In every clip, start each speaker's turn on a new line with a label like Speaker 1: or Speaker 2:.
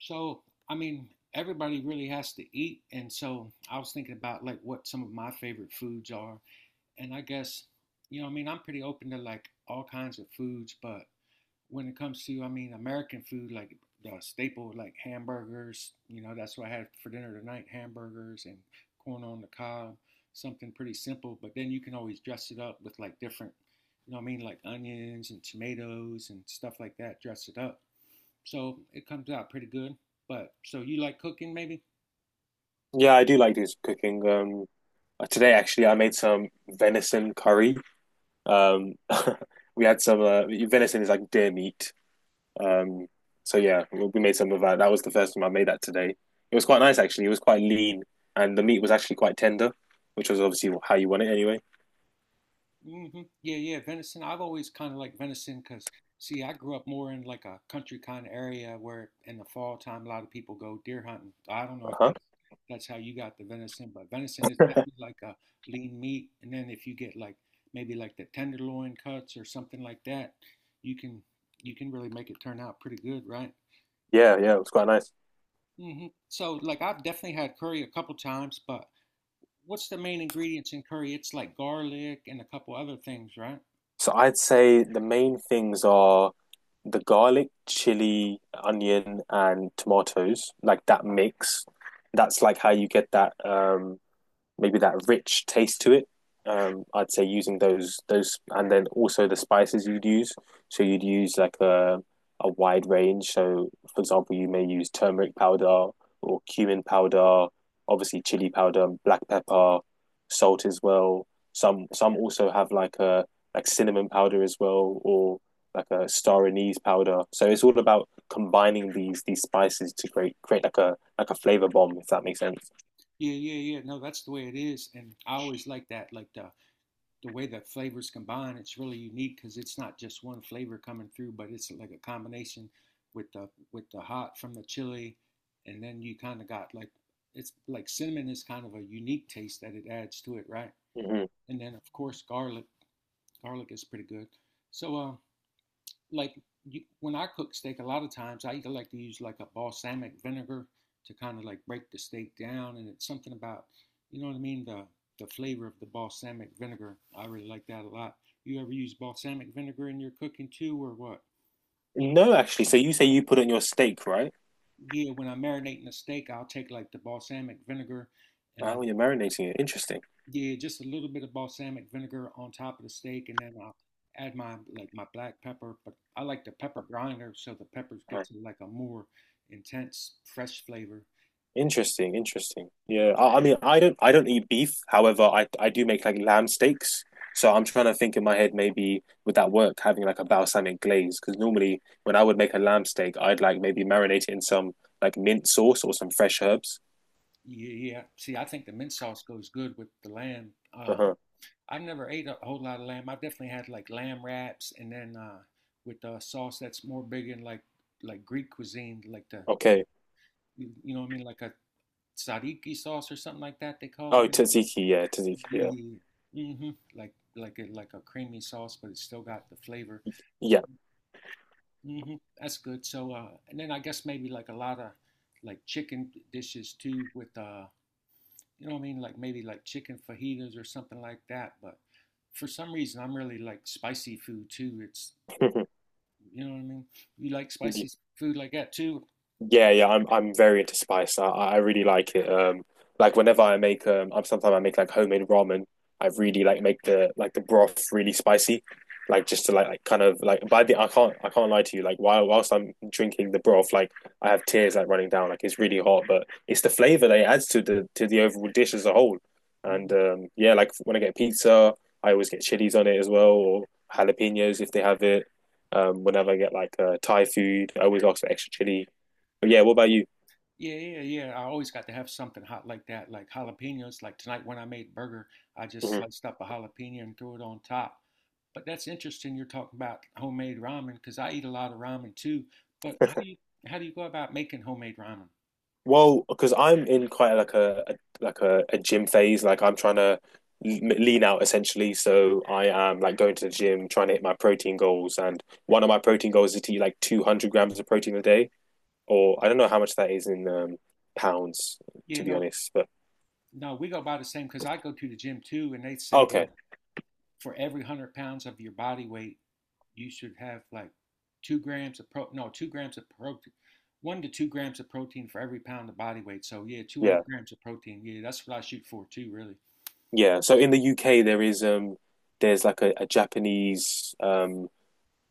Speaker 1: So, I mean, everybody really has to eat. And so I was thinking about like what some of my favorite foods are. And I guess, I mean, I'm pretty open to like all kinds of foods, but when it comes to, I mean, American food, like the staple, like hamburgers, that's what I had for dinner tonight, hamburgers and corn on the cob, something pretty simple. But then you can always dress it up with like different, you know what I mean, like onions and tomatoes and stuff like that, dress it up. So it comes out pretty good. But so you like cooking maybe?
Speaker 2: Yeah, I do like this cooking. Today actually, I made some venison curry. Um, we had some venison is like deer meat. Um, so yeah, we made some of that. That was the first time I made that today. It was quite nice actually. It was quite lean, and the meat was actually quite tender, which was obviously how you want it anyway.
Speaker 1: Hmm. Yeah, yeah, venison. I've always kind of liked venison because, see, I grew up more in like a country kind of area where in the fall time a lot of people go deer hunting. I don't know if
Speaker 2: Uh-huh.
Speaker 1: that's how you got the venison, but venison is definitely like a lean meat. And then if you get like maybe like the tenderloin cuts or something like that, you can you can really make it turn out pretty good, right?
Speaker 2: Yeah, yeah, it was quite nice.
Speaker 1: So like I've definitely had curry a couple times, but what's the main ingredients in curry? It's like garlic and a couple other things, right?
Speaker 2: So I'd say the main things are the garlic, chili, onion, and tomatoes, like that mix. That's like how you get that. Maybe that rich taste to it. I'd say using those and then also the spices you'd use. So you'd use like a wide range. So for example, you may use turmeric powder or cumin powder, obviously chili powder, black pepper, salt as well. Some also have like a like cinnamon powder as well, or like a star anise powder. So it's all about combining these spices to create like a flavor bomb, if that makes sense.
Speaker 1: Yeah, yeah, yeah. No, that's the way it is, and I always like that, like the way the flavors combine. It's really unique because it's not just one flavor coming through, but it's like a combination with the hot from the chili, and then you kind of got like it's like cinnamon is kind of a unique taste that it adds to it, right?
Speaker 2: Mm-hmm.
Speaker 1: And then of course garlic, garlic is pretty good. So, like when I cook steak, a lot of times I either like to use like a balsamic vinegar to kind of like break the steak down, and it's something about, you know what I mean, the flavor of the balsamic vinegar. I really like that a lot. You ever use balsamic vinegar in your cooking too, or what?
Speaker 2: No, actually. So you say you put it on your steak, right?
Speaker 1: Yeah, when I'm marinating a steak, I'll take like the balsamic vinegar and
Speaker 2: Ah,
Speaker 1: like.
Speaker 2: when you're marinating it. Interesting.
Speaker 1: Yeah, just a little bit of balsamic vinegar on top of the steak, and then I'll add my black pepper. But I like the pepper grinder, so the peppers get
Speaker 2: Ah,
Speaker 1: to like a more intense, fresh flavor. And
Speaker 2: interesting, interesting. Yeah.
Speaker 1: mm,
Speaker 2: I mean, I don't eat beef. However, I do make like lamb steaks. So I'm trying to think in my head maybe would that work having like a balsamic glaze? Because normally when I would make a lamb steak, I'd like maybe marinate it in some like mint sauce or some fresh herbs.
Speaker 1: yeah, yeah. See, I think the mint sauce goes good with the lamb. Uh,
Speaker 2: Uh-huh.
Speaker 1: I've never ate a whole lot of lamb. I've definitely had like lamb wraps, and then with a sauce that's more big in like Greek cuisine, like
Speaker 2: Okay.
Speaker 1: you know what I mean, like a tzatziki sauce or something like that. They call
Speaker 2: Oh,
Speaker 1: it.
Speaker 2: tzatziki, yeah, tzatziki,
Speaker 1: Yeah. hmm Like a creamy sauce, but it's still got the flavor. But
Speaker 2: yeah.
Speaker 1: that's good. So and then I guess maybe like a lot of like chicken dishes too with you know what I mean, like maybe like chicken fajitas or something like that. But for some reason I'm really like spicy food too. It's
Speaker 2: Yeah.
Speaker 1: you know what I mean. You like spicy food like that too?
Speaker 2: Yeah, yeah, I'm very into spice. I really like it. Like whenever I make I'm sometimes I make like homemade ramen. I really like make the like the broth really spicy, like just to like kind of like by the I can't lie to you. Like while whilst I'm drinking the broth, like I have tears like running down. Like it's really hot, but it's the flavor that it adds to the overall dish as a whole.
Speaker 1: Mm-hmm.
Speaker 2: And yeah, like when I get pizza, I always get chilies on it as well or jalapenos if they have it. Whenever I get like Thai food, I always ask for extra chili, yeah, what about you?
Speaker 1: Yeah, yeah, yeah. I always got to have something hot like that, like jalapenos. Like tonight when I made burger, I just
Speaker 2: Mhm.
Speaker 1: sliced up a jalapeno and threw it on top. But that's interesting you're talking about homemade ramen because I eat a lot of ramen too. But how do you how do you go about making homemade ramen?
Speaker 2: Well, because I'm in quite like a gym phase. Like I'm trying to l- lean out essentially. So I am like going to the gym, trying to hit my protein goals. And one of my protein goals is to eat like 200 grams of protein a day, or I don't know how much that is in pounds,
Speaker 1: Yeah,
Speaker 2: to be
Speaker 1: no,
Speaker 2: honest. But
Speaker 1: no, we go by the same because I go to the gym too, and they say
Speaker 2: okay,
Speaker 1: like for every 100 pounds of your body weight, you should have like 2 grams of pro no, 2 grams of protein, 1 to 2 grams of protein for every pound of body weight. So yeah,
Speaker 2: yeah,
Speaker 1: 200 grams of protein. Yeah, that's what I shoot for too. Really.
Speaker 2: yeah. So in the UK, there is there's like a Japanese um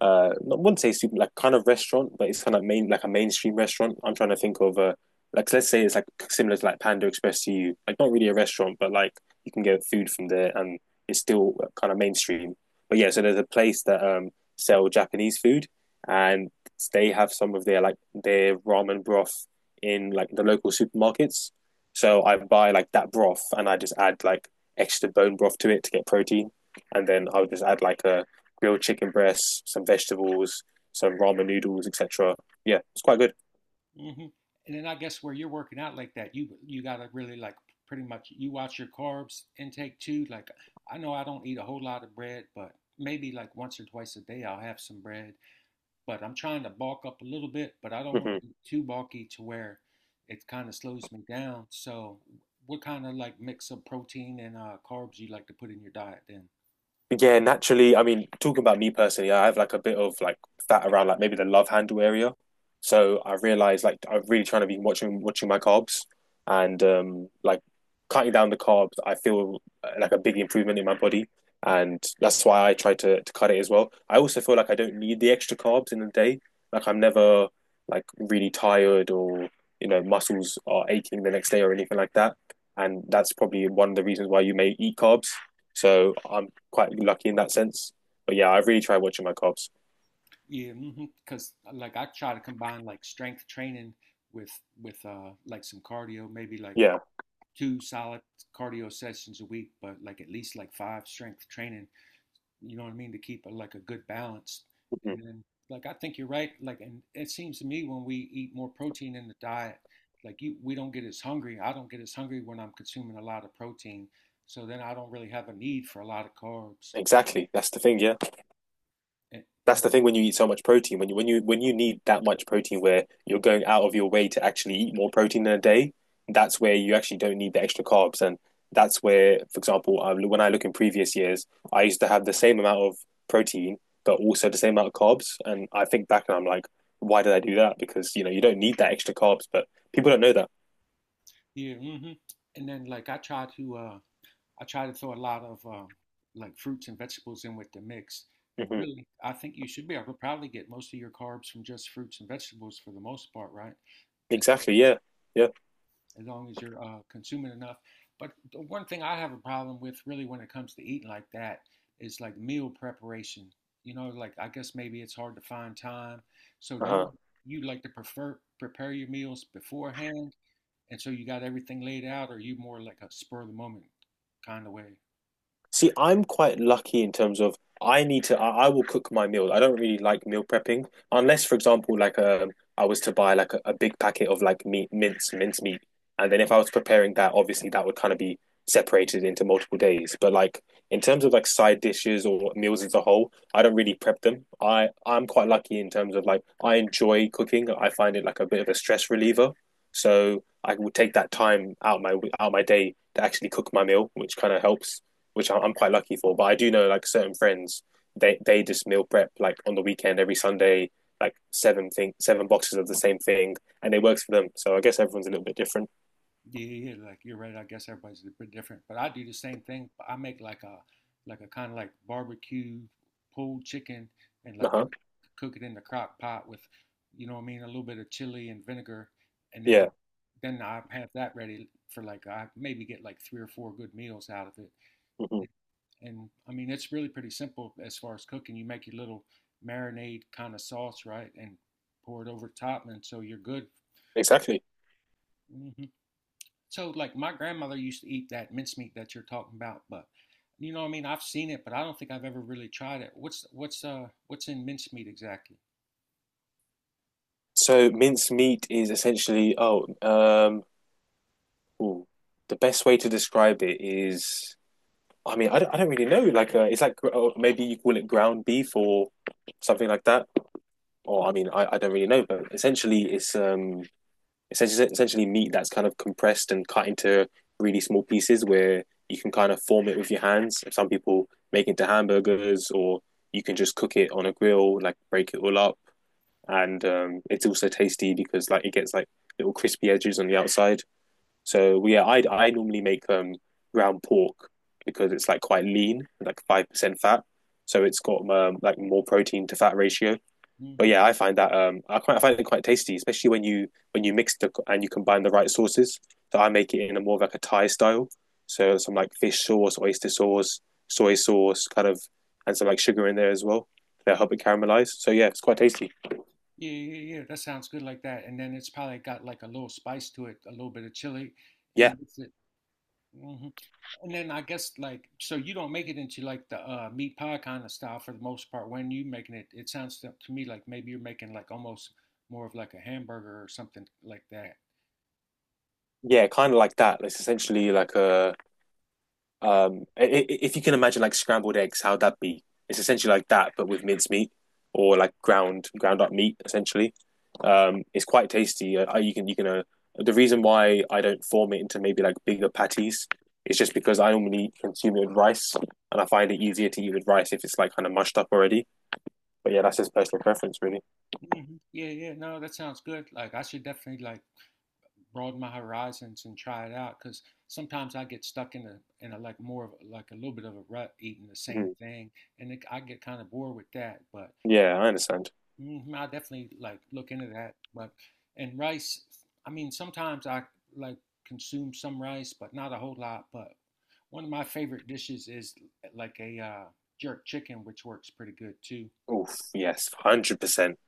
Speaker 2: uh I wouldn't say super like kind of restaurant, but it's kind of main like a mainstream restaurant. I'm trying to think of a like let's say it's like similar to like Panda Express to you. Like not really a restaurant, but like you can get food from there and it's still kind of mainstream. But yeah, so there's a place that sell Japanese food and they have some of their like their ramen broth in like the local supermarkets. So I buy like that broth and I just add like extra bone broth to it to get protein. And then I would just add like a grilled chicken breasts, some vegetables, some ramen noodles, etc. Yeah, it's quite good.
Speaker 1: hmm and then I guess where you're working out like that, you gotta really like pretty much you watch your carbs intake too, like I know I don't eat a whole lot of bread, but maybe like once or twice a day I'll have some bread, but I'm trying to bulk up a little bit, but I don't want
Speaker 2: Hmm
Speaker 1: to get too bulky to where it kind of slows me down. So, what kind of like mix of protein and carbs you like to put in your diet then?
Speaker 2: Yeah, naturally. I mean, talking about me personally, I have like a bit of like fat around like maybe the love handle area. So I realized like I'm really trying to be watching my carbs and like cutting down the carbs, I feel like a big improvement in my body. And that's why I try to cut it as well. I also feel like I don't need the extra carbs in the day. Like I'm never like really tired or, you know, muscles are aching the next day or anything like that. And that's probably one of the reasons why you may eat carbs. So I'm quite lucky in that sense. But yeah, I really try watching my carbs.
Speaker 1: Yeah, because mm-hmm, like I try to combine like strength training with with like some cardio, maybe like
Speaker 2: Yeah,
Speaker 1: two solid cardio sessions a week, but like at least like five strength training you know what I mean, to keep a good balance.
Speaker 2: mhm.
Speaker 1: And then, like, I think you're right. Like, and it seems to me when we eat more protein in the diet, we don't get as hungry. I don't get as hungry when I'm consuming a lot of protein. So then I don't really have a need for a lot of carbs.
Speaker 2: Exactly. That's the thing. Yeah,
Speaker 1: And,
Speaker 2: that's
Speaker 1: and,
Speaker 2: the thing. When you eat so much protein, when you need that much protein, where you're going out of your way to actually eat more protein in a day, that's where you actually don't need the extra carbs. And that's where, for example, when I look in previous years, I used to have the same amount of protein, but also the same amount of carbs. And I think back and I'm like, why did I do that? Because you know you don't need that extra carbs, but people don't know that.
Speaker 1: yeah, and then like I try to throw a lot of like fruits and vegetables in with the mix. And
Speaker 2: Hmm
Speaker 1: really, I think you should be able to probably get most of your carbs from just fruits and vegetables for the most part, right? As- long-
Speaker 2: Exactly. Yeah. Yeah.
Speaker 1: as long as you're consuming enough. But the one thing I have a problem with, really, when it comes to eating like that, is like meal preparation. You know, like I guess maybe it's hard to find time. So do you
Speaker 2: Uh-huh.
Speaker 1: you like to prefer prepare your meals beforehand, and so you got everything laid out, or are you more like a spur of the moment kind of way?
Speaker 2: See, I'm quite lucky in terms of I need to. I will cook my meals. I don't really like meal prepping unless, for example, like I was to buy like a big packet of like meat, mince meat, and then if I was preparing that, obviously that would kind of be separated into multiple days. But like in terms of like side dishes or meals as a whole, I don't really prep them. I'm quite lucky in terms of like I enjoy cooking. I find it like a bit of a stress reliever. So I will take that time out my day to actually cook my meal, which kind of helps which am quite lucky for. But I do know like certain friends, they just meal prep like on the weekend every Sunday, like seven boxes of the same thing, and it works for them. So I guess everyone's a little bit different.
Speaker 1: Yeah, yeah, yeah, like you're right. I guess everybody's a bit different, but I do the same thing. I make like a kind of like barbecue pulled chicken and
Speaker 2: Uh
Speaker 1: like
Speaker 2: huh.
Speaker 1: cook it in the crock pot with, you know what I mean, a little bit of chili and vinegar, and then
Speaker 2: Yeah.
Speaker 1: then I have that ready for like I maybe get like three or four good meals out of it.
Speaker 2: hmm
Speaker 1: And, and, I mean, it's really pretty simple as far as cooking. You make your little marinade kind of sauce, right, and pour it over top, and so you're good.
Speaker 2: Exactly.
Speaker 1: Mhm. So, like, my grandmother used to eat that mincemeat that you're talking about, but you know, what I mean, I've seen it, but I don't think I've ever really tried it. What's in mincemeat exactly?
Speaker 2: So minced meat is essentially ooh, the best way to describe it is. I mean, I don't really know. Like, it's like oh, maybe you call it ground beef or something like that. Or I mean, I don't really know, but essentially, it's essentially essentially meat that's kind of compressed and cut into really small pieces where you can kind of form it with your hands. Some people make it into hamburgers, or you can just cook it on a grill, like break it all up, and it's also tasty because like it gets like little crispy edges on the outside. So yeah, I normally make ground pork because it's like quite lean, like 5% fat, so it's got like more protein to fat ratio. But
Speaker 1: Mm-hmm.
Speaker 2: yeah, I find that I find it quite tasty, especially when you mix the and you combine the right sauces. So I make it in a more of like a Thai style, so some like fish sauce, oyster sauce, soy sauce, kind of, and some like sugar in there as well to help it caramelize. So yeah, it's quite tasty.
Speaker 1: Yeah, yeah, yeah. That sounds good like that. And then it's probably got like a little spice to it, a little bit of chili,
Speaker 2: Yeah,
Speaker 1: and with it. hmm And then I guess like so you don't make it into like the meat pie kind of style for the most part. When you making it, it sounds to me like maybe you're making like almost more of like a hamburger or something like that.
Speaker 2: yeah, kind of like that. It's essentially like a if you can imagine like scrambled eggs, how'd that be? It's essentially like that, but with mincemeat or like ground up meat, essentially. It's quite tasty. You can the reason why I don't form it into maybe like bigger patties is just because I normally consume it with rice, and I find it easier to eat with rice if it's like kind of mushed up already. But yeah, that's just personal preference, really.
Speaker 1: Hmm. Yeah, yeah. No, that sounds good. Like I should definitely like broaden my horizons and try it out because sometimes I get stuck in a like more of like a little bit of a rut eating the same
Speaker 2: Mhm.
Speaker 1: thing, and I get kind of bored with that. But
Speaker 2: Yeah, I understand.
Speaker 1: mhm, I definitely like look into that. But and rice, I mean, sometimes I like consume some rice, but not a whole lot. But one of my favorite dishes is like a jerk chicken, which works pretty good too.
Speaker 2: Oof, yes, 100%.